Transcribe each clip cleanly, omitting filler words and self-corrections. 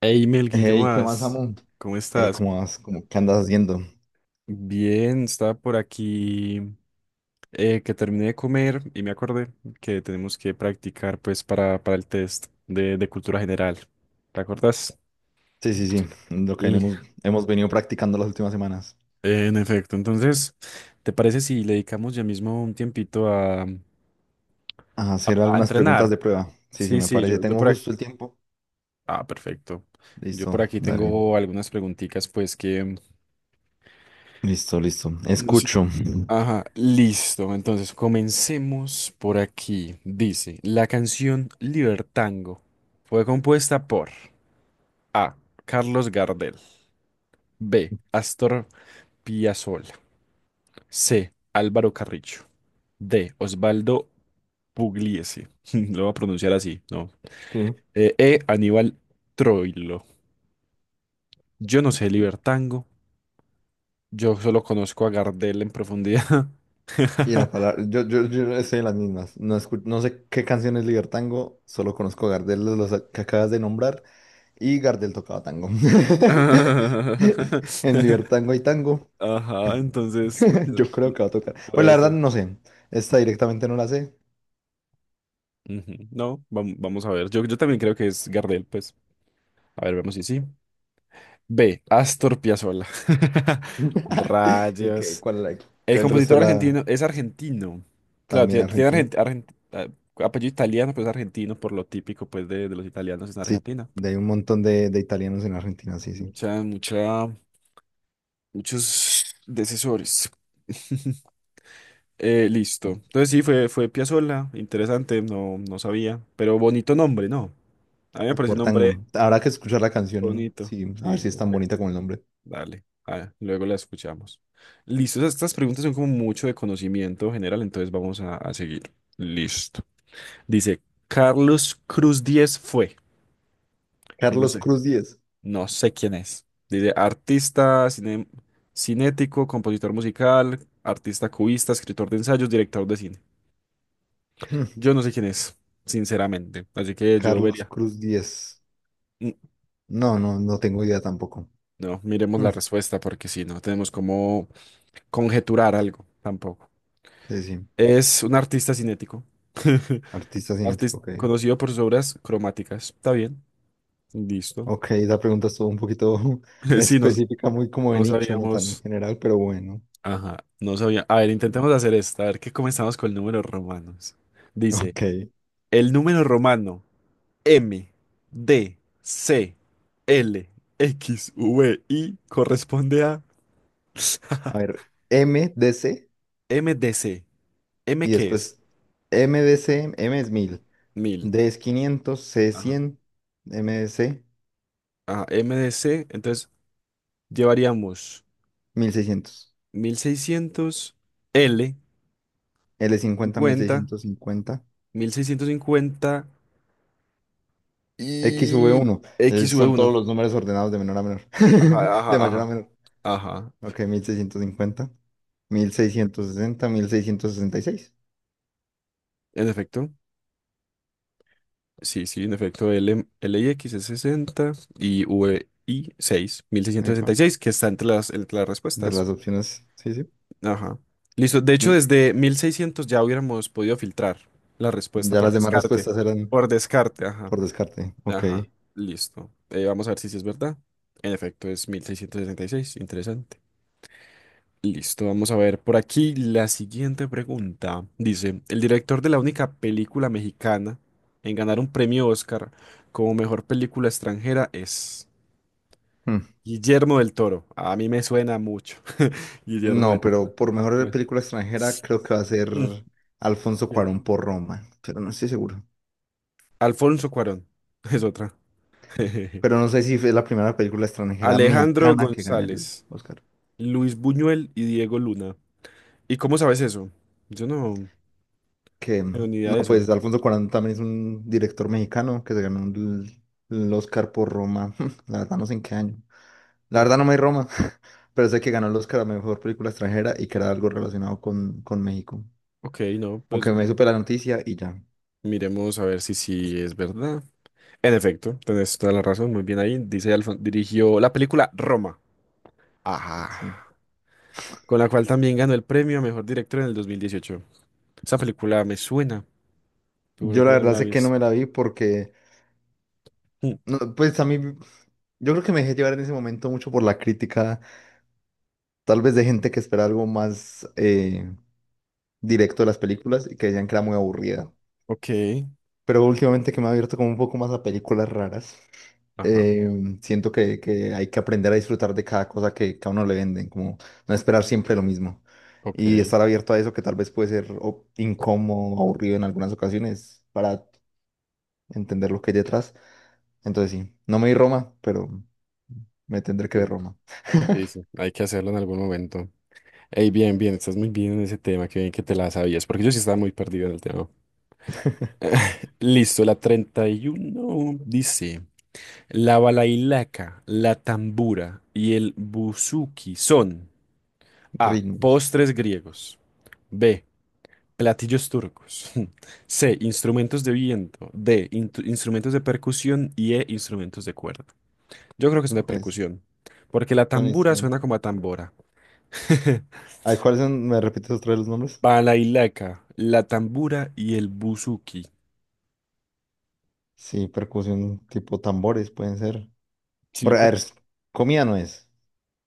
Hey Melkin, ¿qué Hey, ¿qué más, más? amo? ¿Cómo Hey, estás? ¿cómo vas? ¿Cómo, qué andas haciendo? Bien, estaba por aquí que terminé de comer y me acordé que tenemos que practicar pues para el test de cultura general. ¿Te acuerdas? Sí, sí, sí, lo que L- hemos venido practicando las últimas semanas. En efecto, entonces, ¿te parece si le dedicamos ya mismo un tiempito a, a- A hacer a algunas preguntas entrenar? de prueba. Sí, sí, Sí, me sí, parece. yo Tengo por aquí. justo el tiempo. Ah, perfecto. Yo Listo, por aquí dale. tengo algunas preguntitas pues que, Listo, listo. no sirve. Escucho. Ajá, listo. Entonces, comencemos por aquí. Dice, la canción Libertango fue compuesta por A. Carlos Gardel. B. Astor Piazzolla. C. Álvaro Carrillo. D. Osvaldo Pugliese. Lo voy a pronunciar así, ¿no? Sí. E. Aníbal Troilo. Yo no sé Libertango. Yo solo conozco a Gardel en profundidad. Y la palabra, yo estoy en las mismas. No, no sé qué canción es Ligar Tango, solo conozco Gardel, los que acabas de nombrar, y Gardel tocaba tango. En Ligar Tango hay tango. Ajá, entonces Yo creo n- que va a tocar. Pues puede la verdad ser. no sé. Esta directamente no la sé. Ujú, no, vamos a ver. Yo también creo que es Gardel, pues. A ver, vemos si sí. B. Astor Piazzolla. Y que Rayos. cuál El que el resto compositor de la argentino es argentino. Claro, también tiene, argentino. Ah, apellido italiano, pero es argentino por lo típico pues de los italianos en Sí, Argentina. de hay un montón de italianos en Argentina, sí, sí. Mucha, mucha, muchos decesores. Listo. Entonces sí, fue Piazzolla, interesante, no, no sabía, pero bonito nombre, ¿no? A mí me parece un Por nombre tango. Habrá que escuchar la canción, ¿no? bonito. Sí, a ver Sí, si es tan ok, bonita como el nombre. dale. Ah, luego la escuchamos. Listo, estas preguntas son como mucho de conocimiento general, entonces vamos a seguir. Listo. Dice, Carlos Cruz Díez fue. No Carlos sé, Cruz Díez. no sé quién es. Dice, artista, cinético, compositor musical, artista cubista, escritor de ensayos, director de cine. Hmm, Yo no sé quién es, sinceramente. Así que yo Carlos vería. Cruz Díez. Mm, No, no, no tengo idea tampoco. No, miremos Hmm. la respuesta porque si no tenemos como conjeturar algo tampoco. Sí, sí. Es un artista cinético. Artista cinético, Artista ok. conocido por sus obras cromáticas. Está bien. Listo. Ok, la pregunta estuvo un poquito Sí, no, específica, muy como de no nicho, no tan sabíamos. general, pero bueno. Ajá, no sabía. A ver, intentemos hacer esta. A ver qué comenzamos con números romanos. Dice, Ok. el número romano M, D, C, L, X, V, I corresponde a. A ver, MDC MDC. ¿M y qué es? después MDC, M es 1000, Mil. D es 500, C es Ajá. 100, MDC Ah, MDC. Entonces llevaríamos seiscientos, 1600 L, L 50, cincuenta, 1650, mil seiscientos cincuenta X, V y 1. Xv Son todos uno. los números ordenados de menor a menor, Ajá, ajá, de mayor a ajá. menor. Ajá. Ok, 1650, 1660, 1666. En efecto. Sí, sí, en efecto. L, L y X es 60 y V I seis, mil seiscientos sesenta Epa, y 6, 1666, que está entre las entre respuestas. las opciones, sí, sí. Ajá. Listo. De hecho, Y desde 1600 ya hubiéramos podido filtrar la respuesta ya por las demás descarte. respuestas eran Por descarte, ajá. por descarte. Ok. Ajá. Listo. Vamos a ver si sí es verdad. En efecto, es 1666. Interesante. Listo. Vamos a ver por aquí la siguiente pregunta. Dice, el director de la única película mexicana en ganar un premio Oscar como mejor película extranjera es Guillermo del Toro. A mí me suena mucho. Guillermo No, del Toro. pero por mejor Bueno. película extranjera creo que va a ser mm, Alfonso Cuarón por Roma, pero no estoy seguro. Alfonso Cuarón, es otra. Pero no sé si es la primera película extranjera Alejandro mexicana que gana el González, Oscar. Luis Buñuel y Diego Luna. ¿Y cómo sabes eso? Yo no Que tengo ni idea no, de pues eso. Alfonso Cuarón también es un director mexicano que se ganó el Oscar por Roma. La verdad no sé en qué año. La Mm, verdad no me di Roma, pero sé que ganó el Oscar a mejor película extranjera y que era algo relacionado con México. Ok, no, pues Aunque me supe la noticia y ya. miremos a ver si sí es verdad. En efecto, tenés toda la razón, muy bien ahí. Dice dirigió la película Roma. Sí. Ajá. Con la cual también ganó el premio a mejor director en el 2018. Esa película me suena, seguro Yo que la no me verdad la he sé que no visto. me la vi porque. Mm, No, pues a mí, yo creo que me dejé llevar en ese momento mucho por la crítica, tal vez de gente que espera algo más directo de las películas y que decían que era muy aburrida. ok. Pero últimamente que me he abierto como un poco más a películas raras, Ajá, eh, siento que hay que aprender a disfrutar de cada cosa que a uno le venden, como no esperar siempre lo mismo. Y ok. estar abierto a eso que tal vez puede ser incómodo, aburrido en algunas ocasiones para entender lo que hay detrás. Entonces sí, no me vi Roma, pero me tendré que ver Roma. Sí, sí, hay que hacerlo en algún momento. Ey, bien, bien, estás muy bien en ese tema, qué bien que te la sabías, porque yo sí estaba muy perdido en el tema. Listo, la 31 dice, la balailaca, la tambura y el buzuki son A, Ritmos. postres griegos, B, platillos turcos, C, instrumentos de viento, D, instrumentos de percusión y E, instrumentos de cuerda. Yo creo que son de Ok, sí, percusión, porque la son tambura instrumentos. suena como a tambora. A ver, ¿cuáles son? ¿Me repites otra vez los nombres? Balailaca, la tambura y el buzuki. Sí, percusión tipo tambores pueden ser. Sí, Bueno, a ver, comida no es.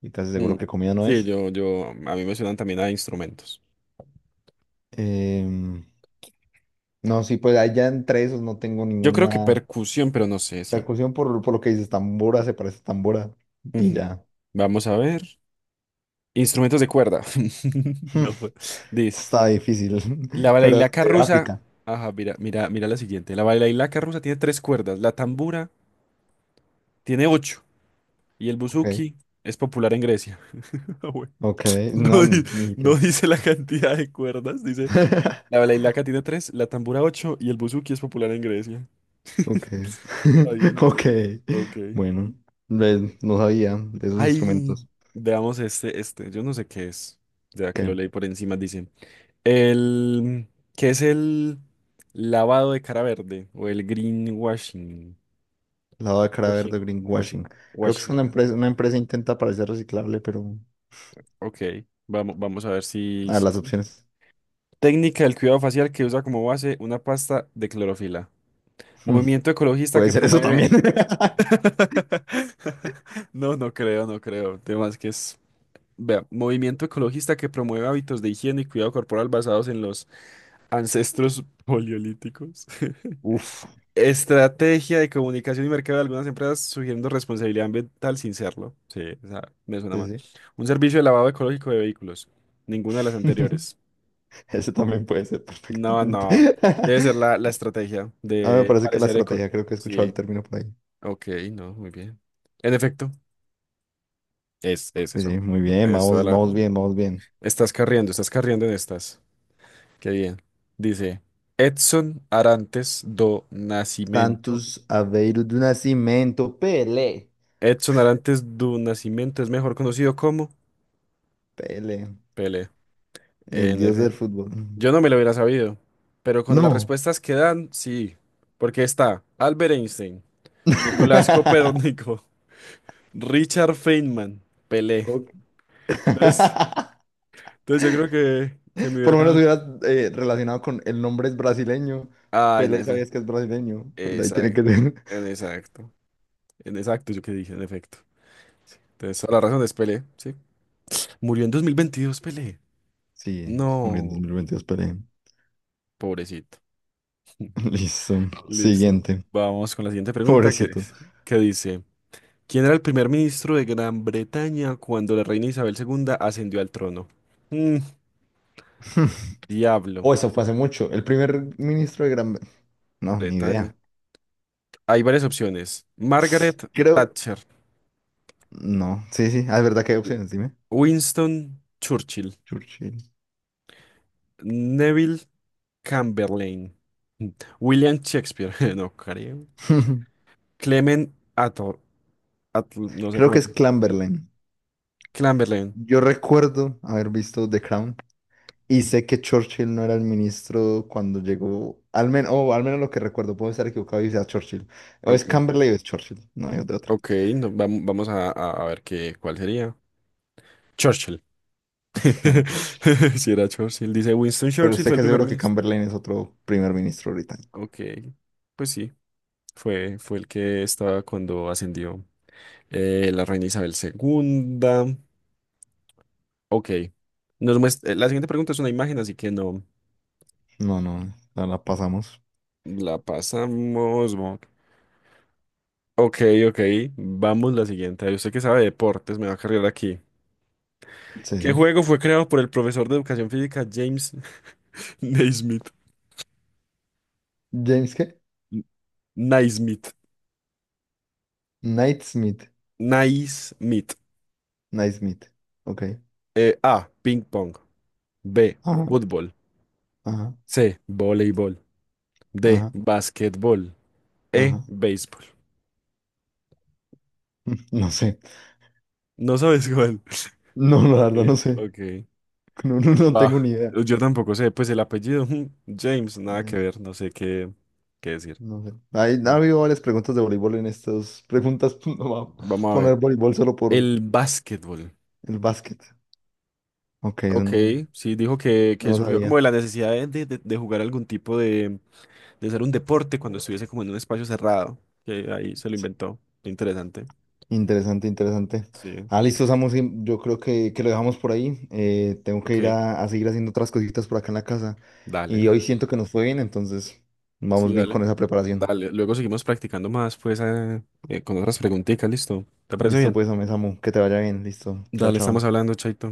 Y casi mm. seguro que comida no Sí, es. A mí me suenan también a instrumentos. Em, no, sí, pues allá entre esos no tengo Yo creo que ninguna percusión, pero no sé, sí. percusión por lo que dices, tambora, se parece a tambora. Y Ujú. ya. Vamos a ver. Instrumentos de cuerda. No puedo. Dice, Está difícil. la Pero balailaca de rusa. África. Ajá, mira, mira, mira la siguiente. La balailaca rusa tiene tres cuerdas. La tambura tiene ocho. Y el Ok. buzuki es popular en Grecia. Ah, bueno. Ok. No, No, ni, ni no siquiera. dice la cantidad de cuerdas, dice la balalaika tiene tres, la tambora ocho y el buzuki es popular en Grecia. Ok, Está bien, no ok, sé. Ok. bueno, ve, no sabía de esos Ay, instrumentos. veamos este, este. Yo no sé qué es. Ya que lo ¿Qué? leí por encima, dice. El, ¿Qué es el lavado de cara verde? O el greenwashing. Lavado de cara Washing. verde, Washing. greenwashing. Creo que es Washing, ajá. Una empresa intenta parecer reciclable, pero Ok. Vamos a ver si, a ver, las si. opciones. Técnica del cuidado facial que usa como base una pasta de clorofila. Hmm, Movimiento ecologista Puede que ser eso también. promueve. No, no creo, no creo. Temas que es, vea, movimiento ecologista que promueve hábitos de higiene y cuidado corporal basados en los ancestros paleolíticos. Uf, Estrategia de comunicación y mercado de algunas empresas sugiriendo responsabilidad ambiental sin serlo. Sí, o sea, me suena mal. sí, Un servicio de lavado ecológico de vehículos. Ninguna de las sí. anteriores. Ese también puede ser No, perfectamente. no. Debe ser la, la estrategia A mí me de parece que la parecer eco. estrategia, creo que he escuchado el Sí, término por ahí. ok, no, muy bien. En efecto. Es Sí, eso. sí, muy bien, Es toda vamos, la... vamos bien, vamos bien. Estás carriendo en estas. Qué bien. Dice, Edson Arantes do Nascimento. Santos Aveiro do Nascimento, Pelé. Edson Arantes do Nascimento es mejor conocido como Pelé. Pele. El En dios del efecto. fútbol. Yo no me lo hubiera sabido, pero con las No. respuestas que dan, sí. Porque está Albert Einstein, Nicolás Copérnico, Richard Feynman, Pelé. Ok. Entonces, entonces yo creo que me Por hubiera lo menos dado... hubieras relacionado con el nombre es brasileño. Ah, en Pelé efecto. sabías que es brasileño. Pues ahí tiene que Exacto. ser. En exacto. Exacto, yo que dije, en efecto. Entonces, toda la razón es Pelé, sí. Murió en 2022, Pelé. Sí, murió en No, 2022 Pelé. pobrecito. Listo. Listo. Siguiente. Vamos con la siguiente pregunta que, Pobrecito. es- que dice, ¿quién era el primer ministro de Gran Bretaña cuando la reina Isabel segunda ascendió al trono? Mm, Diablo, Oh, eso fue hace mucho. El primer ministro de Gran... No, ni Bretaña. idea. Hay varias opciones. Margaret Creo... Thatcher, No, sí, sí. Ah, es verdad que hay opciones, dime. Winston Churchill, Churchill. Neville Chamberlain, William Shakespeare, no creo. Clement no sé Creo cómo. que es Clamberlain. Clamberlain. Yo recuerdo haber visto The Crown. Y sé que Churchill no era el ministro cuando llegó, al menos, o al menos lo que recuerdo, puedo estar equivocado y sea Churchill. O es Ok, Camberley o es Churchill, no hay de otra. ok, no, vamos a ver qué, cuál sería. Churchill. Era Churchill. Si era Churchill. Dice Winston Pero Churchill sé fue el que primer seguro que ministro. Chamberlain es otro primer ministro británico. Ok, pues sí, fue el que estaba cuando ascendió la reina Isabel segunda. Ok, la siguiente pregunta es una imagen, así que no No, no, la pasamos. la pasamos. Ok, ok, vamos la siguiente. Usted que sabe de deportes, me va a cargar aquí. Sí, ¿Qué sí. juego fue creado por el profesor de educación física James Naismith? ¿James qué? Naismith. Knightsmith. Naismith. Knightsmith. Ok. A. Ping pong. B. Ajá, Fútbol. ajá, C. Voleibol. D. ajá, Basquetbol. E. ajá. Béisbol. No sé. No sabes cuál. No, la Ok, verdad no sé. ok. No, no, no tengo Ah, ni idea. yo tampoco sé, pues el apellido. James, nada que ver, no sé qué decir. No sé. Ha No. habido varias preguntas de voleibol en estas preguntas. No va a Vamos a ver. poner voleibol solo por El basquetbol. el básquet. Ok, eso Ok, no, sí, dijo que, no que lo surgió como sabía. de la necesidad de jugar algún tipo de ser un deporte cuando estuviese como en un espacio cerrado, que ahí se lo inventó. Interesante. Interesante, interesante. Sí, Ah, listo, Samu. Sí, yo creo que lo dejamos por ahí. Tengo que ir ok, a seguir haciendo otras cositas por acá en la casa. Y dale, hoy siento que nos fue bien, entonces sí, vamos bien dale, con esa preparación. dale. Luego seguimos practicando más, pues, con otras preguntitas, ¿listo? ¿Te parece Listo, bien? pues, hombre, Samu. Que te vaya bien. Listo. Chao, Dale, estamos chao. hablando, Chaito.